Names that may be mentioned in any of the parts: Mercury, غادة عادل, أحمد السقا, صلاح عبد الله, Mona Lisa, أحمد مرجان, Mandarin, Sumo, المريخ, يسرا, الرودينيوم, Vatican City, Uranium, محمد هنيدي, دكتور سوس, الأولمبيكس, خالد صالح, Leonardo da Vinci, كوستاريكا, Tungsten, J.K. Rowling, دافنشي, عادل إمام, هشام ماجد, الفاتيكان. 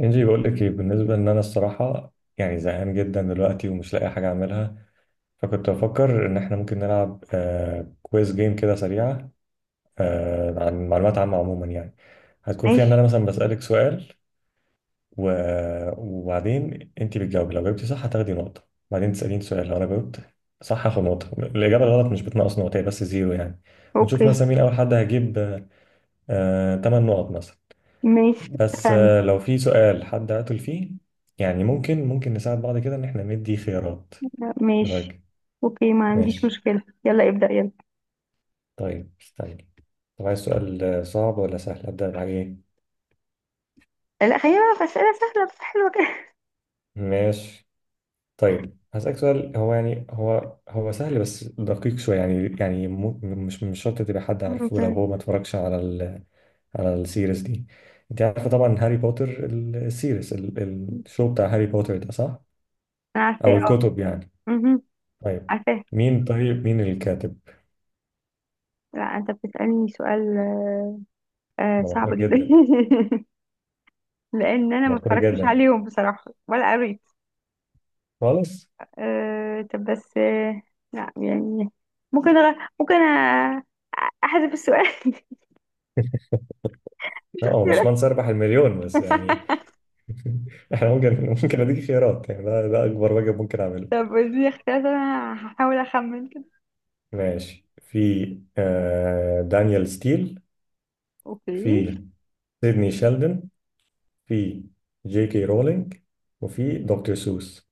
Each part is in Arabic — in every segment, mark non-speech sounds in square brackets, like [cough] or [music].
انجي، بقول لك ايه؟ بالنسبه ان انا الصراحه يعني زهقان جدا دلوقتي، ومش لاقي حاجه اعملها. فكنت بفكر ان احنا ممكن نلعب كويز جيم كده سريعه، عن معلومات عامه عموما يعني. هتكون فيها ان ماشي. انا مثلا بسالك سؤال، و... وبعدين انت بتجاوبي. لو جاوبتي صح هتاخدي نقطه. بعدين تساليني سؤال، لو انا جاوبت صح هاخد نقطه. الاجابه الغلط مش بتنقص نقطه، هي بس زيرو يعني. ونشوف اوكي. مثلا مين اول حد هيجيب 8، تمن نقط مثلا. ماشي، بس، اتفقنا. لو في سؤال حد قتل فيه، يعني ممكن نساعد بعض كده، ان احنا ندي خيارات. إيه ماشي، رايك؟ اوكي، ما عنديش ماشي. مشكلة، يلا ابدأ يلا. طيب استني. طب عايز سؤال صعب ولا سهل؟ ابدا بحاجه ايه؟ لا، خلينا بقى في أسئلة سهلة بس حلوة كده. ماشي. طيب هسألك سؤال. هو يعني هو هو سهل بس دقيق شويه يعني مش شرط تبقى حد عارفه، لو أوكي. هو ما اتفرجش على السيريز دي. انت عارفه طبعا هاري بوتر، الشو بتاع هاري بوتر ده، صح؟ انا عارفاه، او اه. الكتب يعني. مهم. طيب عارفاه. مين، طيب مين الكاتب؟ لا، انت بتسألني سؤال. ده صعب مشهور جدا. جدا، [laughs] لان انا ما مشهور اتفرجتش جدا عليهم بصراحة ولا قريت. خالص. طب بس. لا، يعني. ممكن ممكن احذف السؤال. لا، هو مش [laughs] منصب ربح المليون بس يعني. [laughs] احنا ممكن، ممكن اديك خيارات يعني. ده اكبر واجب ممكن اعمله. طب اديني اختيارات، انا هحاول اخمن كده. ماشي. في دانيال ستيل، اوكي. في سيدني شيلدن، في جي كي رولينج، وفي دكتور سوس.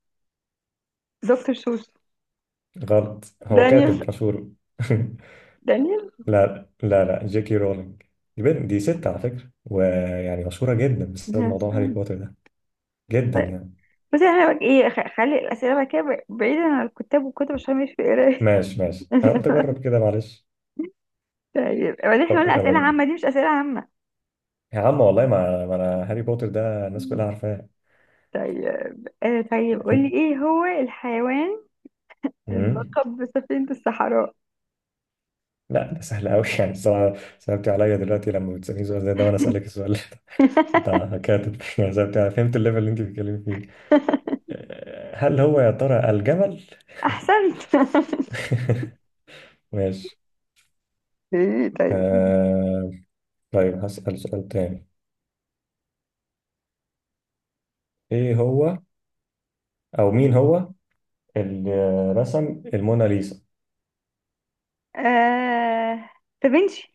دكتور سوس. غلط، هو كاتب دانيال. مشهور. [laughs] دانيال. لا لا لا، جي كي رولينج. دي بنت، دي ست على فكرة، ويعني مشهورة جدا بسبب موضوع هاري بوتر ده، جدا طيب. يعني. بس احنا بقى ايه، خلي الاسئله بقى كده بعيدا عن الكتاب والكتب عشان مش في قرايه. ماشي ماشي، انا قلت [laughs] اجرب كده معلش. طيب، وبعدين احنا طب قلنا اسئله يلا. عامه، دي مش اسئله عامه. يا عم والله، ما انا هاري بوتر ده الناس كلها عارفاه. طيب، طيب قولي ايه هو الحيوان أمم. الملقب بسفينه الصحراء؟ لا، ده سهل قوي. [laughs] يعني الصراحه صعبت عليا دلوقتي، لما بتسالني سؤال زي ده وانا اسالك السؤال ده. [laughs] انت [laughs] كاتب يعني، صعبت عليا. فهمت الليفل اللي انت بتتكلمي فيه. هل هو يا ترى الجمل؟ احسنت. [laughs] ماشي. [laughs] ايه طيب. أه... طيب هسأل سؤال تاني. ايه هو، او مين هو، اللي رسم الموناليزا؟ آه دافنشي.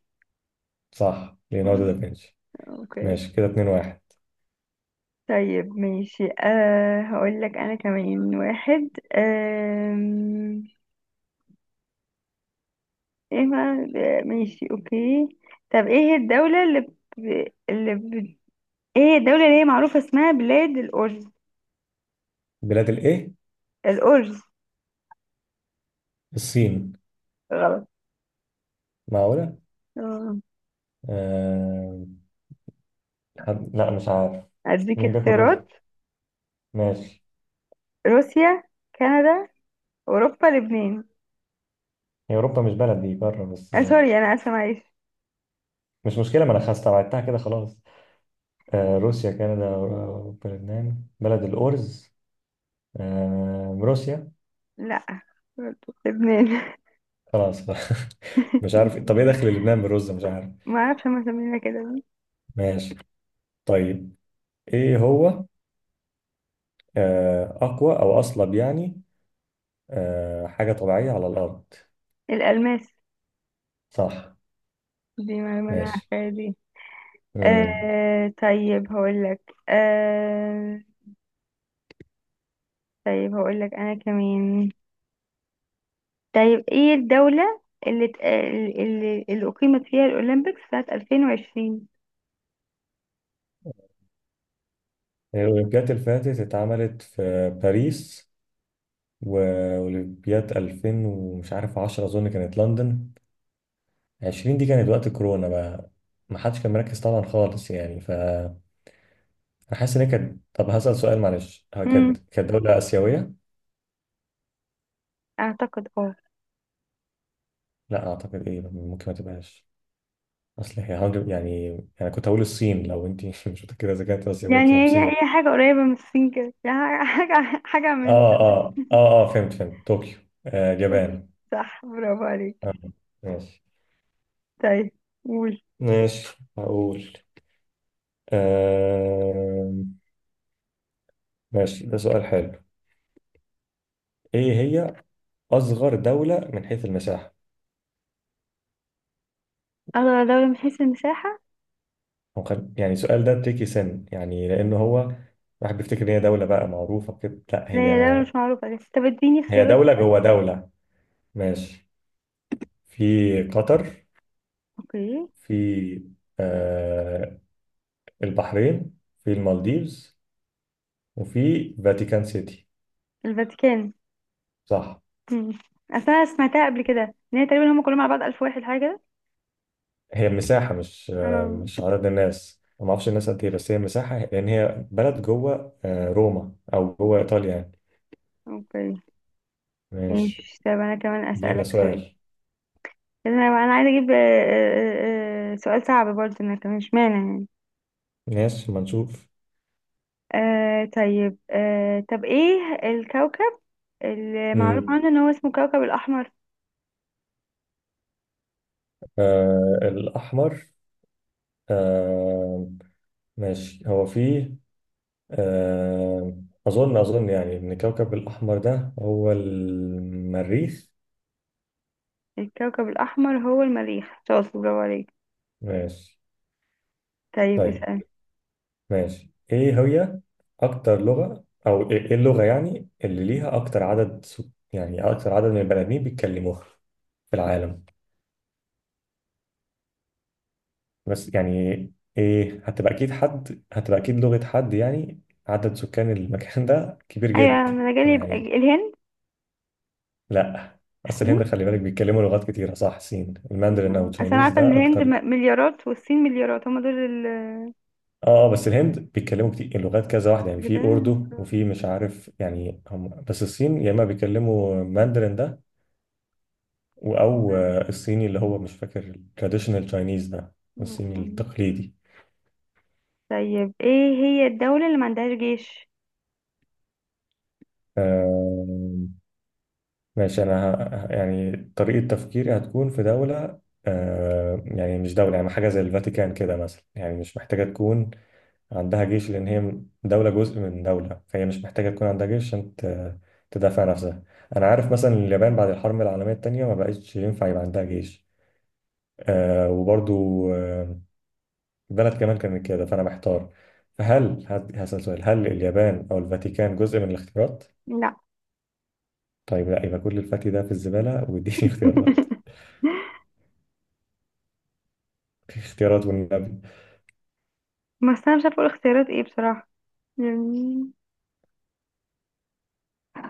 صح، ليوناردو [laughs] دافنشي. اوكي. ماشي كده، 2-1. طيب ماشي، هقول لك انا كمان واحد. أم، ايه، ما ماشي اوكي. طب ايه هي الدولة اللي ب... ايه هي الدولة اللي هي معروفة اسمها بلاد الأرز؟ بلاد الايه؟ الأرز. الصين؟ غلط. معقولة؟ آه. آه... لا، مش عارف. اديك مين بياكل رز؟ اختيارات. ماشي. روسيا، كندا، اوروبا، لبنان. هي أوروبا مش بلد، دي قارة بس، سوري، انا اسفة معلش. مش مشكلة، ما أنا خلاص استبعدتها كده خلاص. روسيا، كندا، أوروبا، لبنان بلد الأرز. روسيا. لا، برضو لبنان. خلاص. [laughs] مش عارف، طب إيه دخل [laughs] لبنان بالرز، مش عارف. ما اعرفش هما مسمينها كده ليه. ماشي. طيب، إيه هو أقوى أو أصلب يعني، حاجة طبيعية على الأرض؟ الألماس. صح. دي معلومة انا ماشي. عارفاها دي. مم. طيب هقولك. طيب هقولك أنا كمان. طيب ايه الدولة اللي أقيمت فيها الأولمبيكس سنة 2020؟ الأولمبياد اللي فاتت اتعملت في باريس، وأولمبياد 2000 ومش عارف 10، أظن كانت لندن. 20 دي كانت وقت كورونا بقى، ما حدش كان مركز طبعا خالص يعني، ف أنا حاسس إن هي كانت. طب هسأل سؤال معلش، هي امم كانت دولة آسيوية؟ أعتقد اه. لا أعتقد إيه، ممكن ما تبقاش. أصل هي يعني أنا كنت هقول الصين، لو أنت [laughs] مش متأكدة إذا كانت آسيوية يعني تبقى [laughs] مصيبة. هي حاجة قريبة من الصين كده، يعني حاجة حاجة من آه فهمت فهمت، طوكيو، دول. اليابان. صح، برافو عليك. آه. ماشي. طيب قول. ماشي هقول آه... ماشي، ده سؤال حلو. ايه هي أصغر دولة من حيث المساحة؟ أغلى دولة من حيث المساحة. هو يعني السؤال ده تريكي سن يعني، لأنه هو الواحد بيفتكر إن هي دولة بقى معروفة كده، لا لا هي دولة هي مش معروفة، بس طب اديني هي اختيارات دولة كده. جوه دولة. ماشي. في قطر، اوكي. في آه البحرين، في المالديفز، وفي فاتيكان سيتي. الفاتيكان. صح. مم. أصل أنا سمعتها قبل كده، إن هي تقريبا هم كلهم على بعض ألف واحد حاجة. هي مساحة، مش آه اه. مش عدد الناس. ما أعرفش الناس قد إيه، بس هي مساحة، لأن هي بلد جوه روما أو جوه إيطاليا يعني. اوكي. ماشي. ماشي طب انا كمان دينا اسألك سؤال. سؤال. انا انا عايزة اجيب سؤال صعب برضه انا كمان مش معنى يعني. ماشي، ما نشوف. طيب طب ايه الكوكب اللي معروف مم. عنه ان هو اسمه كوكب الاحمر؟ الأحمر. آه ماشي. هو فيه آه أظن يعني إن كوكب الأحمر ده هو المريخ. الكوكب الاحمر هو المريخ. شاطر، برافو عليك. ماشي. طيب طيب اسأل. ماشي. إيه هي أكتر لغة، أو إيه اللغة يعني اللي ليها أكتر عدد يعني أكتر عدد من البني آدمين بيتكلموها في العالم؟ بس يعني إيه؟ هتبقى أكيد حد، هتبقى أكيد لغة حد يعني عدد سكان المكان ده كبير ايوه، جدا، انا جالي أنا يبقى يعني. الهند. لا، اصل الصين. الهند خلي بالك بيتكلموا لغات كتيره، صح؟ صين الماندرين او اصل انا تشاينيز عارفة ان ده الهند اكتر. مليارات والصين مليارات، هما دول. اه اه، بس الهند بيتكلموا كتير، لغات كذا واحده يعني، كده. في اردو وفي مش عارف يعني هم. بس الصين يا اما بيتكلموا ماندرين ده او الصيني اللي هو مش فاكر، التراديشنال تشاينيز ده، الصيني التقليدي. طيب ايه هي الدولة اللي ما عندهاش جيش؟ آه ماشي. انا يعني طريقه تفكيري هتكون في دوله، يعني مش دوله، يعني حاجه زي الفاتيكان كده مثلا، يعني مش محتاجه تكون عندها جيش، لأن هي دولة جزء من دولة، فهي مش محتاجة تكون عندها جيش عشان تدافع نفسها. أنا عارف مثلا، اليابان بعد الحرب العالمية التانية ما بقتش ينفع يبقى عندها جيش. وبرضو آه البلد كمان كانت كده، فأنا محتار. فهل هسأل سؤال، هل اليابان أو الفاتيكان جزء من الاختيارات؟ لا. طيب لا، يبقى كل الفتي ده في الزبالة. واديني [laughs] اختيارات. [laughs] اختيارات والنبي. بس انا مش عارفه اقول اختيارات ايه بصراحه، يعني.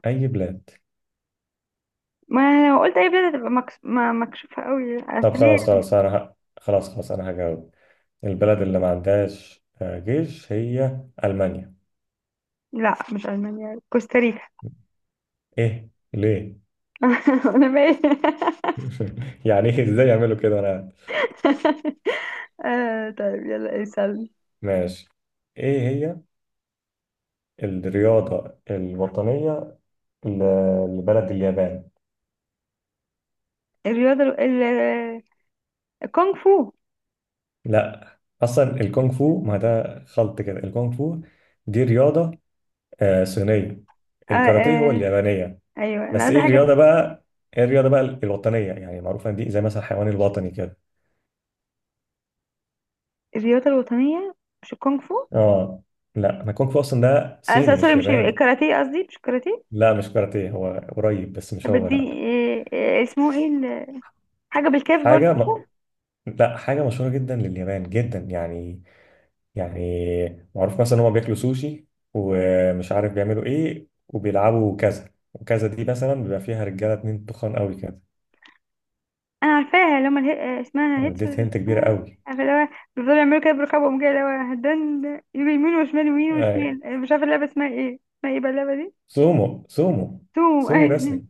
أي بلاد. ما لو قلت اي بلد هتبقى ما مكشوفه قوي. طب اسبانيا. خلاص خلاص، أنا خلاص خلاص أنا هجاوب. البلد اللي ما عندهاش جيش هي ألمانيا. لا مش المانيا، كوستاريكا. [laughs] ايه ليه؟ انا باين. [laughs] [laughs] يعني ايه، ازاي [laughs] يعملوا كده، انا. طيب يلا اسالني. ماشي. ايه هي الرياضة الوطنية لبلد اليابان؟ الرياضه الكونغ فو. لا، اصلا الكونغ فو، ما ده خلط كده. الكونغ فو دي رياضة صينية. آه، الكاراتيه هو آه. اليابانية. ايوه انا بس عايزه ايه حاجه. الرياضة بقى، ايه الرياضة بقى الوطنية، يعني معروفة دي زي مثلا الحيوان الوطني كده. الرياضه الوطنيه، مش الكونغ فو. اه، لا ما الكونغ فو اصلا ده صيني سوري، مش مش ياباني. الكاراتيه، قصدي مش الكاراتيه. لا مش كاراتيه، هو قريب بس مش طب هو، دي لا. اسمه ايه حاجه بالكاف حاجة، برضه. لا حاجة مشهورة جدا لليابان، جدا يعني. يعني معروف مثلا هما بياكلوا سوشي، ومش عارف بيعملوا ايه وبيلعبوا كذا وكذا، دي مثلا بيبقى فيها رجالة اتنين تخان قوي كده. انا عارفاها، اللي هم اسمها أنا هيتس ولا اديت مش هنت كبيرة اسمها، قوي. عارفه اللي هو بيفضلوا يعملوا كده برقبهم كده، اللي هو دن. يجوا يمين وشمال، يمين آه. وشمال، أنا مش عارفه اللعبه اسمها ايه، اسمها ايه بقى اللعبه دي؟ سومو، سومو. توم. [laughs] سومو رسلينج.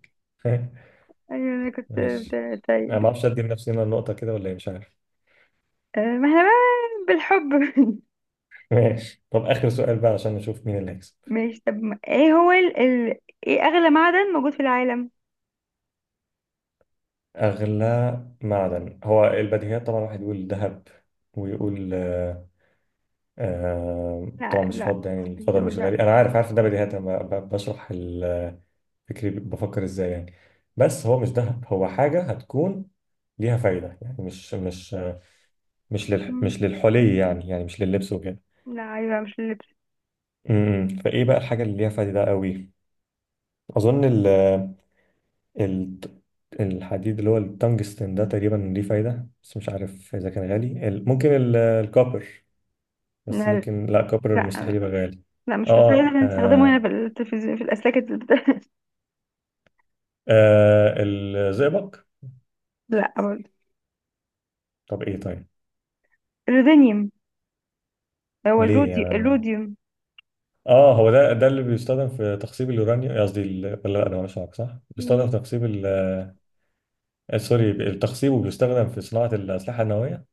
[laughs] ايوه انا ماشي. انا طيب. ما اعرفش ادي لنفسي هنا النقطة كده ولا ايه، مش عارف. ما احنا بقى بالحب. [laughs] [laughs] ماشي، طب اخر سؤال بقى عشان نشوف مين اللي هيكسب. ماشي طب ايه هو ايه اغلى معدن موجود في العالم؟ اغلى معدن هو البديهيات طبعا، واحد يقول ذهب، ويقول لا، طبعا مش لا، فاضي يعني، مش الفضاء دول مش لا. غالي، انا عارف عارف ده بديهيات، انا بشرح فكري، بفكر ازاي يعني. بس هو مش دهب، هو حاجه هتكون ليها فايده يعني، مش مش آه، مش للح مم. مش للحلي يعني مش لللبس وكده. لا، ايوه مش اللبس. امم فايه بقى الحاجه اللي ليها فايده قوي؟ اظن ال ال الحديد اللي هو التنجستن ده تقريبا ليه فايده، بس مش عارف اذا كان غالي. ممكن الكوبر، بس لا، لا، ممكن لا، كوبر لا، مستحيل يبقى غالي. لا، مش بس اه نستخدمه هنا آه. في التلفزيون في الاسلاك. الزئبق. [laughs] لا، برضه. طب ايه؟ طيب. الرودينيوم. هو ليه يعني؟ الروديوم. اه، هو ده، اللي بيستخدم في تخصيب اليورانيوم، قصدي ولا لا، ده مالوش علاقه، صح مم. بيستخدم في تخصيب سوري، التخصيب، وبيستخدم في صناعه الاسلحه النوويه.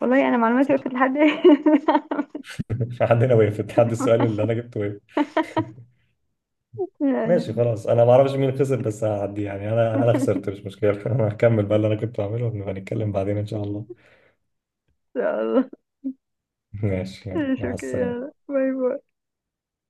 والله انا معلوماتي صح؟ وقفت لحد. [laughs] [laughs] حد هنا وقف، حد السؤال اللي انا جبته وقف. [laughs] ماشي يعني. خلاص، انا ما اعرفش مين خسر، بس هعدي يعني. انا ان خسرت، مش مشكله. [laughs] انا هكمل بقى اللي انا كنت بعمله، ونبقى نتكلم بعدين ان شاء الله. شاء الله. [laughs] ماشي، يلا مع السلامه. شكرا، باي باي.